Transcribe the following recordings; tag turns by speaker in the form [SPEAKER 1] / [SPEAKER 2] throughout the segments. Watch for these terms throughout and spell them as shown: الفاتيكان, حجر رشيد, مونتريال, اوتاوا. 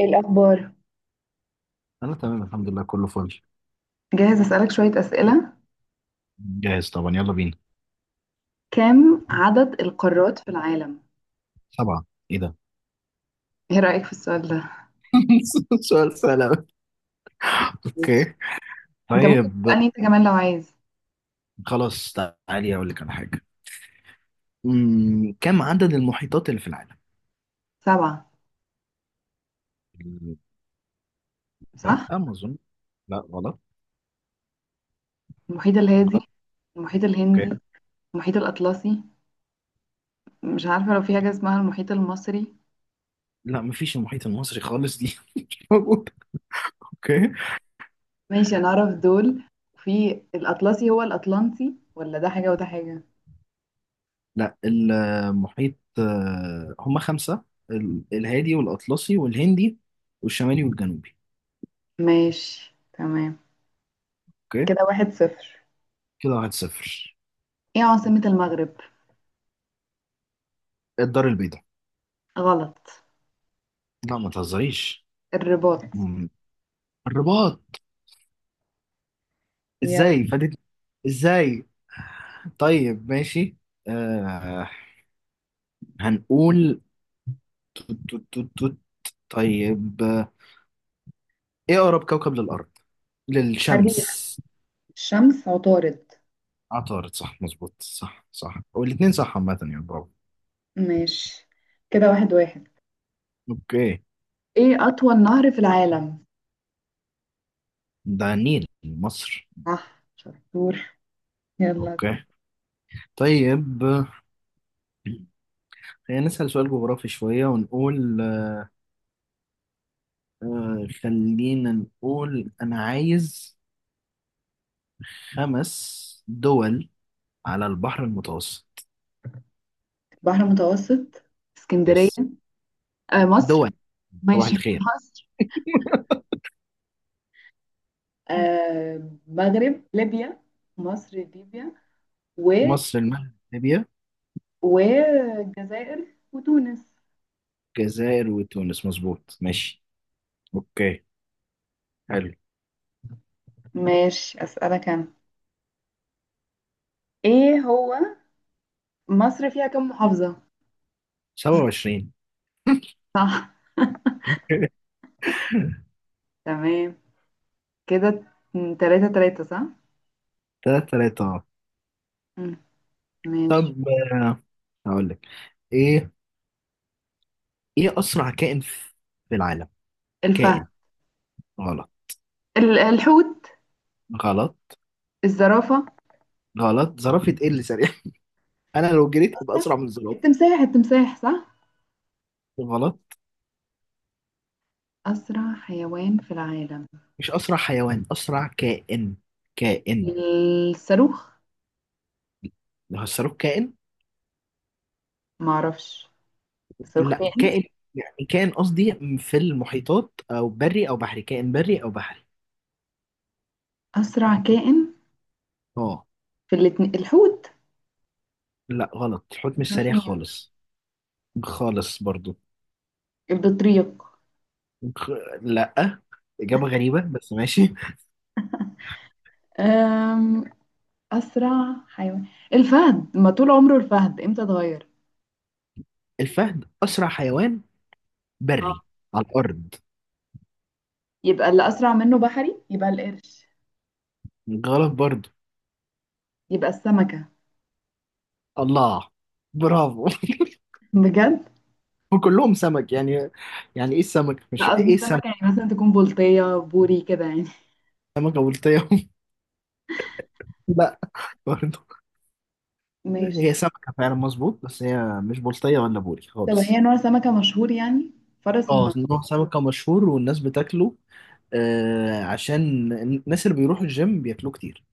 [SPEAKER 1] إيه الأخبار؟
[SPEAKER 2] انا تمام الحمد لله كله فل.
[SPEAKER 1] جاهز أسألك شوية أسئلة.
[SPEAKER 2] جاهز طبعا، يلا بينا.
[SPEAKER 1] كم عدد القارات في العالم؟
[SPEAKER 2] سبعة. ايه ده؟
[SPEAKER 1] إيه رأيك في السؤال ده؟
[SPEAKER 2] سؤال سهل أوي.
[SPEAKER 1] ماشي.
[SPEAKER 2] اوكي.
[SPEAKER 1] أنت ممكن
[SPEAKER 2] طيب
[SPEAKER 1] تسألني أنت كمان لو عايز.
[SPEAKER 2] خلاص، تعالي اقول لك على حاجة. كم عدد المحيطات اللي في العالم؟
[SPEAKER 1] سبعة.
[SPEAKER 2] لا
[SPEAKER 1] صح؟
[SPEAKER 2] ما اظن. لا غلط.
[SPEAKER 1] المحيط الهادي،
[SPEAKER 2] غلط.
[SPEAKER 1] المحيط
[SPEAKER 2] اوكي.
[SPEAKER 1] الهندي، المحيط الأطلسي. مش عارفة لو في حاجة اسمها المحيط المصري.
[SPEAKER 2] لا مفيش المحيط المصري خالص، دي مش موجودة. اوكي.
[SPEAKER 1] ماشي، أنا أعرف دول. في الأطلسي هو الأطلنطي ولا ده حاجة وده حاجة؟
[SPEAKER 2] لا المحيط، هما خمسة. الهادي والأطلسي والهندي والشمالي والجنوبي.
[SPEAKER 1] ماشي تمام.
[SPEAKER 2] اوكي.
[SPEAKER 1] كده واحد صفر.
[SPEAKER 2] كده 1-0.
[SPEAKER 1] إيه عاصمة المغرب؟
[SPEAKER 2] الدار البيضاء.
[SPEAKER 1] غلط.
[SPEAKER 2] لا ما تهزريش.
[SPEAKER 1] الرباط.
[SPEAKER 2] مم. الرباط.
[SPEAKER 1] يلا.
[SPEAKER 2] ازاي فاتت؟ ازاي؟ طيب ماشي. آه هنقول توت توت توت توت. طيب، ايه اقرب كوكب
[SPEAKER 1] مريخ.
[SPEAKER 2] للشمس؟
[SPEAKER 1] الشمس عطارد.
[SPEAKER 2] عطارد، صح مظبوط، صح صح والاتنين صح عامة، يعني برافو.
[SPEAKER 1] ماشي، كده واحد واحد.
[SPEAKER 2] اوكي.
[SPEAKER 1] ايه أطول نهر في العالم؟
[SPEAKER 2] ده النيل، مصر.
[SPEAKER 1] صح شطور. يلا.
[SPEAKER 2] اوكي. طيب، خلينا نسأل سؤال جغرافي شوية ونقول، خلينا نقول انا عايز خمس دول على البحر المتوسط.
[SPEAKER 1] بحر متوسط، اسكندرية،
[SPEAKER 2] يس.
[SPEAKER 1] آه مصر.
[SPEAKER 2] دول. صباح
[SPEAKER 1] ماشي، في
[SPEAKER 2] الخير.
[SPEAKER 1] مصر، آه مغرب ليبيا، مصر ليبيا و
[SPEAKER 2] مصر، المغرب، ليبيا،
[SPEAKER 1] والجزائر وتونس.
[SPEAKER 2] الجزائر وتونس، مظبوط ماشي. اوكي. حلو.
[SPEAKER 1] ماشي، أسألك أنا. ايه هو، مصر فيها كم محافظة؟
[SPEAKER 2] 27.
[SPEAKER 1] صح تمام. كده، تلاتة تلاتة صح.
[SPEAKER 2] 3-3، اه.
[SPEAKER 1] مم.
[SPEAKER 2] طب،
[SPEAKER 1] ماشي.
[SPEAKER 2] هقول لك ايه. ايه اسرع كائن في العالم؟
[SPEAKER 1] الفهد.
[SPEAKER 2] كائن. غلط.
[SPEAKER 1] الحوت.
[SPEAKER 2] غلط.
[SPEAKER 1] الزرافة.
[SPEAKER 2] غلط. زرافة؟ ايه اللي سريع؟ انا لو جريت ابقى اسرع من الزرافة.
[SPEAKER 1] التمساح التمساح صح.
[SPEAKER 2] غلط.
[SPEAKER 1] أسرع حيوان في العالم.
[SPEAKER 2] مش اسرع حيوان، اسرع كائن. كائن.
[SPEAKER 1] الصاروخ.
[SPEAKER 2] لو هسروك كائن.
[SPEAKER 1] معرفش. الصاروخ
[SPEAKER 2] لا،
[SPEAKER 1] كائن.
[SPEAKER 2] كائن يعني، كائن قصدي، في المحيطات او بري او بحري، كائن بري او بحري.
[SPEAKER 1] أسرع كائن.
[SPEAKER 2] اه.
[SPEAKER 1] في الاتنين الحوت.
[SPEAKER 2] لا غلط، الحوت مش سريع
[SPEAKER 1] الدولفين.
[SPEAKER 2] خالص. خالص برضو.
[SPEAKER 1] البطريق.
[SPEAKER 2] خ... لا، اجابه غريبه بس ماشي.
[SPEAKER 1] أم... أسرع حيوان الفهد، ما طول عمره الفهد، إمتى اتغير؟
[SPEAKER 2] الفهد اسرع حيوان
[SPEAKER 1] آه.
[SPEAKER 2] بري على الارض.
[SPEAKER 1] يبقى اللي أسرع منه بحري يبقى القرش.
[SPEAKER 2] غلط برضو.
[SPEAKER 1] يبقى السمكة.
[SPEAKER 2] الله، برافو.
[SPEAKER 1] بجد.
[SPEAKER 2] وكلهم سمك يعني. يعني ايه السمك، مش
[SPEAKER 1] لا
[SPEAKER 2] ايه
[SPEAKER 1] قصدي سمكة
[SPEAKER 2] السمك.
[SPEAKER 1] يعني مثلا تكون بلطية بوري كده يعني.
[SPEAKER 2] سمكه بلطيه. لا، برضو.
[SPEAKER 1] ماشي.
[SPEAKER 2] هي سمكه فعلا، مظبوط، بس هي مش بلطيه ولا بوري
[SPEAKER 1] طب هي
[SPEAKER 2] خالص.
[SPEAKER 1] نوع سمكة مشهور يعني. فرس
[SPEAKER 2] اه،
[SPEAKER 1] النهر.
[SPEAKER 2] نوع سمكة مشهور والناس بتاكله، عشان الناس اللي بيروحوا الجيم بياكلوه كتير.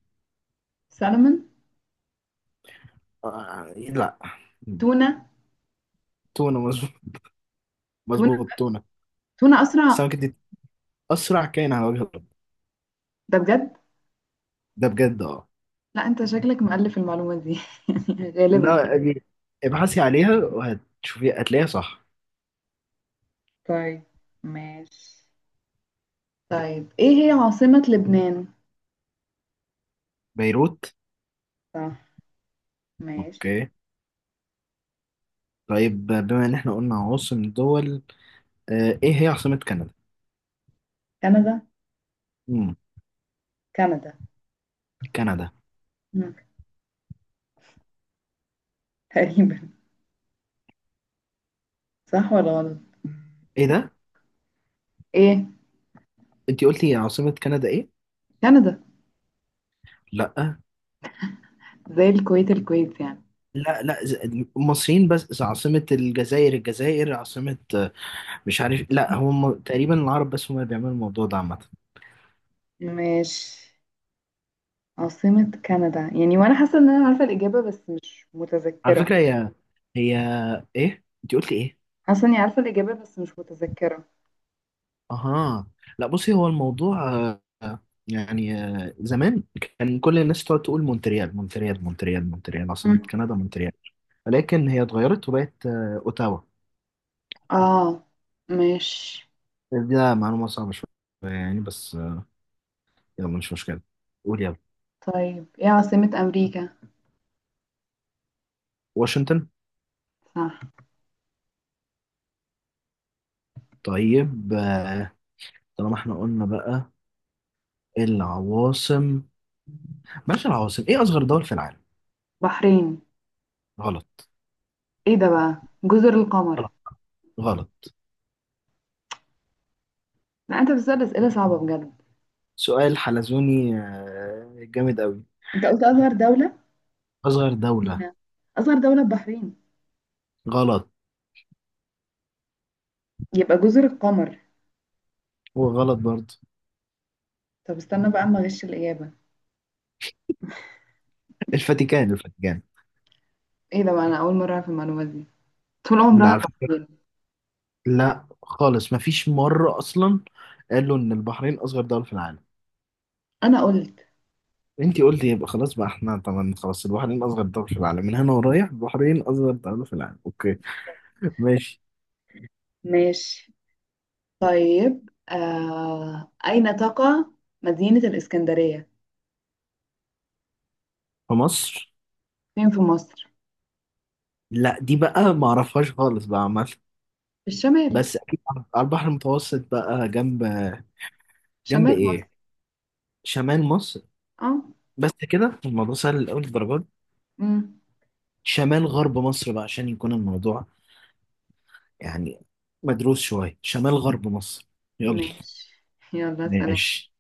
[SPEAKER 1] سالمون.
[SPEAKER 2] لا.
[SPEAKER 1] تونة.
[SPEAKER 2] تونة، مظبوط.
[SPEAKER 1] تونة
[SPEAKER 2] مظبوط، تونة.
[SPEAKER 1] تونة أسرع.
[SPEAKER 2] السمكة دي أسرع كائن على وجه الأرض.
[SPEAKER 1] ده بجد.
[SPEAKER 2] ده بجد. اه.
[SPEAKER 1] لا أنت شكلك مؤلف المعلومة دي. يعني غالبا.
[SPEAKER 2] لا دي- ابحثي عليها وهتشوفي، هتلاقيها صح.
[SPEAKER 1] طيب. ماشي. طيب إيه هي عاصمة لبنان؟
[SPEAKER 2] بيروت.
[SPEAKER 1] صح. ماشي.
[SPEAKER 2] اوكي. طيب، بما ان احنا قلنا عواصم دول، ايه هي عاصمة كندا؟
[SPEAKER 1] كندا.
[SPEAKER 2] مم.
[SPEAKER 1] كندا.
[SPEAKER 2] كندا.
[SPEAKER 1] مم. تقريبا. صح ولا غلط؟
[SPEAKER 2] ايه ده؟
[SPEAKER 1] إيه.
[SPEAKER 2] انتي قلتي عاصمة كندا ايه؟
[SPEAKER 1] كندا
[SPEAKER 2] لا
[SPEAKER 1] زي الكويت الكويت يعني.
[SPEAKER 2] لا لا، المصريين بس، عاصمة الجزائر الجزائر، عاصمة، مش عارف، لا هم تقريبا العرب بس هم اللي بيعملوا الموضوع ده عامة.
[SPEAKER 1] ماشي، عاصمة كندا يعني، وأنا حاسة إن أنا عارفة الإجابة بس مش
[SPEAKER 2] على
[SPEAKER 1] متذكرة.
[SPEAKER 2] فكرة هي ايه، انت قلت ايه؟
[SPEAKER 1] حاسة إني عارفة الإجابة بس مش متذكرة.
[SPEAKER 2] اها. لا بصي، هو الموضوع، يعني، زمان كان كل الناس تقعد تقول مونتريال مونتريال مونتريال مونتريال، عاصمة
[SPEAKER 1] مم.
[SPEAKER 2] كندا مونتريال، ولكن هي اتغيرت وبقت، اوتاوا.
[SPEAKER 1] آه. ماشي.
[SPEAKER 2] ده معلومة صعبة شوية يعني، بس، يلا مش مشكلة، قول يلا.
[SPEAKER 1] طيب إيه عاصمة أمريكا؟
[SPEAKER 2] واشنطن.
[SPEAKER 1] صح.
[SPEAKER 2] طيب، طالما احنا قلنا بقى العواصم، بلاش العواصم. ايه اصغر دول في العالم؟
[SPEAKER 1] بحرين.
[SPEAKER 2] غلط.
[SPEAKER 1] ايه ده بقى. جزر القمر.
[SPEAKER 2] غلط. غلط.
[SPEAKER 1] لا انت بتسأل اسئله صعبه بجد.
[SPEAKER 2] سؤال حلزوني، جامد قوي.
[SPEAKER 1] انت قلت اصغر دوله،
[SPEAKER 2] اصغر دولة.
[SPEAKER 1] مدينه، اصغر دوله البحرين.
[SPEAKER 2] غلط.
[SPEAKER 1] يبقى جزر القمر.
[SPEAKER 2] وغلط برضه.
[SPEAKER 1] طب استنى بقى اما اغش الاجابه.
[SPEAKER 2] الفاتيكان، الفاتيكان.
[SPEAKER 1] ايه ده بقى، انا اول مره اعرف المعلومات دي. طول
[SPEAKER 2] لا
[SPEAKER 1] عمرها
[SPEAKER 2] على فكرة.
[SPEAKER 1] البحرين.
[SPEAKER 2] لا خالص، مفيش مرة اصلا قالوا ان البحرين اصغر دولة في العالم.
[SPEAKER 1] انا قلت.
[SPEAKER 2] انتي قلتي يبقى خلاص بقى، احنا طبعا خلاص، البحرين اصغر دولة في العالم، من هنا ورايح البحرين اصغر دولة في العالم. اوكي. ماشي.
[SPEAKER 1] ماشي. طيب اين تقع مدينه الاسكندريه؟
[SPEAKER 2] في مصر.
[SPEAKER 1] فين في مصر.
[SPEAKER 2] لا دي بقى ما اعرفهاش خالص بقى عامة،
[SPEAKER 1] في الشمال.
[SPEAKER 2] بس اكيد على البحر المتوسط بقى، جنب. جنب
[SPEAKER 1] شمال مصر.
[SPEAKER 2] ايه؟ شمال مصر.
[SPEAKER 1] اه.
[SPEAKER 2] بس كده الموضوع سهل لأول الدرجات.
[SPEAKER 1] امم.
[SPEAKER 2] شمال غرب مصر بقى، عشان يكون الموضوع، يعني، مدروس شوية. شمال غرب مصر. يلا.
[SPEAKER 1] ماشي. يلا سلام.
[SPEAKER 2] ماشي.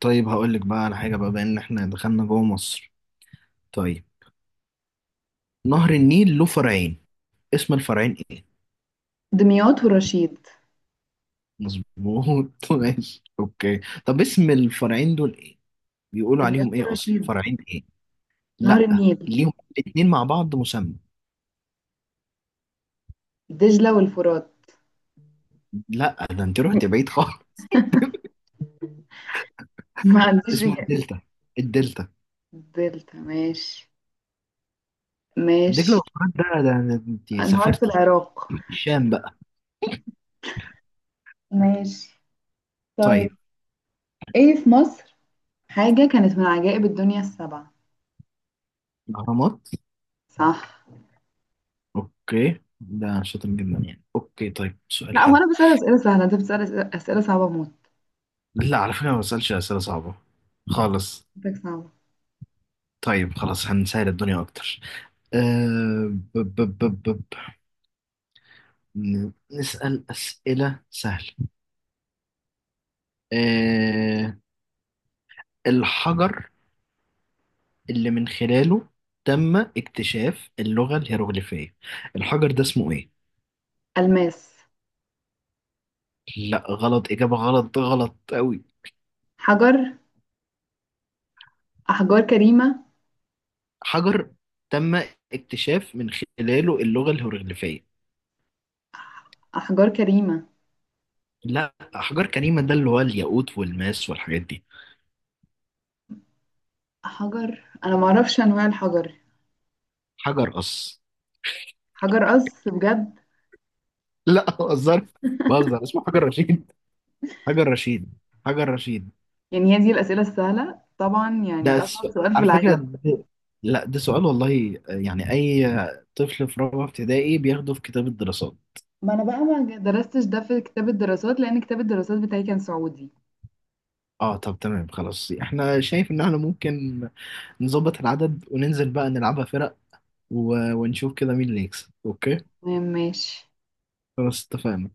[SPEAKER 2] طيب هقول لك بقى على حاجة بقى، بما ان احنا دخلنا جوه مصر. طيب، نهر النيل له فرعين. اسم الفرعين ايه؟
[SPEAKER 1] دمياط ورشيد.
[SPEAKER 2] مظبوط. ماشي. اوكي. طب اسم الفرعين دول ايه؟ بيقولوا
[SPEAKER 1] دمياط
[SPEAKER 2] عليهم ايه اصلا؟
[SPEAKER 1] ورشيد.
[SPEAKER 2] فرعين ايه؟
[SPEAKER 1] نهر
[SPEAKER 2] لا،
[SPEAKER 1] النيل.
[SPEAKER 2] ليهم الاتنين مع بعض مسمى.
[SPEAKER 1] دجلة والفرات.
[SPEAKER 2] لا ده انت رحت بعيد خالص.
[SPEAKER 1] ما عنديش
[SPEAKER 2] اسمه
[SPEAKER 1] إجابة.
[SPEAKER 2] الدلتا. الدلتا.
[SPEAKER 1] دلتا ماشي.
[SPEAKER 2] دجلة
[SPEAKER 1] ماشي.
[SPEAKER 2] والفرات؟ ده انت
[SPEAKER 1] أنهار في
[SPEAKER 2] سافرتي
[SPEAKER 1] العراق.
[SPEAKER 2] الشام بقى.
[SPEAKER 1] ماشي. طيب.
[SPEAKER 2] طيب،
[SPEAKER 1] إيه في مصر حاجة كانت من عجائب الدنيا السبعة؟
[SPEAKER 2] الاهرامات.
[SPEAKER 1] صح.
[SPEAKER 2] اوكي، ده شاطر جدا يعني. اوكي، طيب سؤال
[SPEAKER 1] لا هو
[SPEAKER 2] حلو.
[SPEAKER 1] أنا بسأل أسئلة سهلة، أنت بتسأل أسئلة صعبة موت.
[SPEAKER 2] لا، على فكرة ما بسألش أسئلة صعبة خالص.
[SPEAKER 1] أسئلتك صعبة.
[SPEAKER 2] طيب خلاص، هنسهل الدنيا أكتر. أه ب ب ب ب ب. نسأل أسئلة سهلة. أه الحجر اللي من خلاله تم اكتشاف اللغة الهيروغليفية، الحجر ده اسمه إيه؟
[SPEAKER 1] ألماس.
[SPEAKER 2] لا غلط، إجابة غلط، غلط أوي.
[SPEAKER 1] حجر. أحجار كريمة.
[SPEAKER 2] حجر تم اكتشاف من خلاله اللغة الهيروغليفية.
[SPEAKER 1] أحجار كريمة.
[SPEAKER 2] لا، أحجار كريمة ده اللي هو الياقوت والماس والحاجات دي.
[SPEAKER 1] حجر أنا معرفش أنواع الحجر.
[SPEAKER 2] حجر قص.
[SPEAKER 1] حجر قص. بجد.
[SPEAKER 2] لا بهزر، بهزر. اسمه حجر رشيد. حجر رشيد. حجر رشيد.
[SPEAKER 1] يعني هي دي الأسئلة السهلة؟ طبعا
[SPEAKER 2] ده
[SPEAKER 1] يعني
[SPEAKER 2] س...
[SPEAKER 1] أصعب سؤال في
[SPEAKER 2] على فكرة
[SPEAKER 1] العالم.
[SPEAKER 2] ده... لا، ده سؤال والله، يعني أي طفل في رابعة ابتدائي بياخده في كتاب الدراسات.
[SPEAKER 1] ما انا بقى ما درستش ده في كتاب الدراسات لان كتاب الدراسات بتاعي كان سعودي.
[SPEAKER 2] اه، طب تمام خلاص، احنا شايف ان احنا ممكن نظبط العدد وننزل بقى نلعبها فرق، ونشوف كده مين اللي يكسب. اوكي.
[SPEAKER 1] ماشي
[SPEAKER 2] خلاص اتفقنا.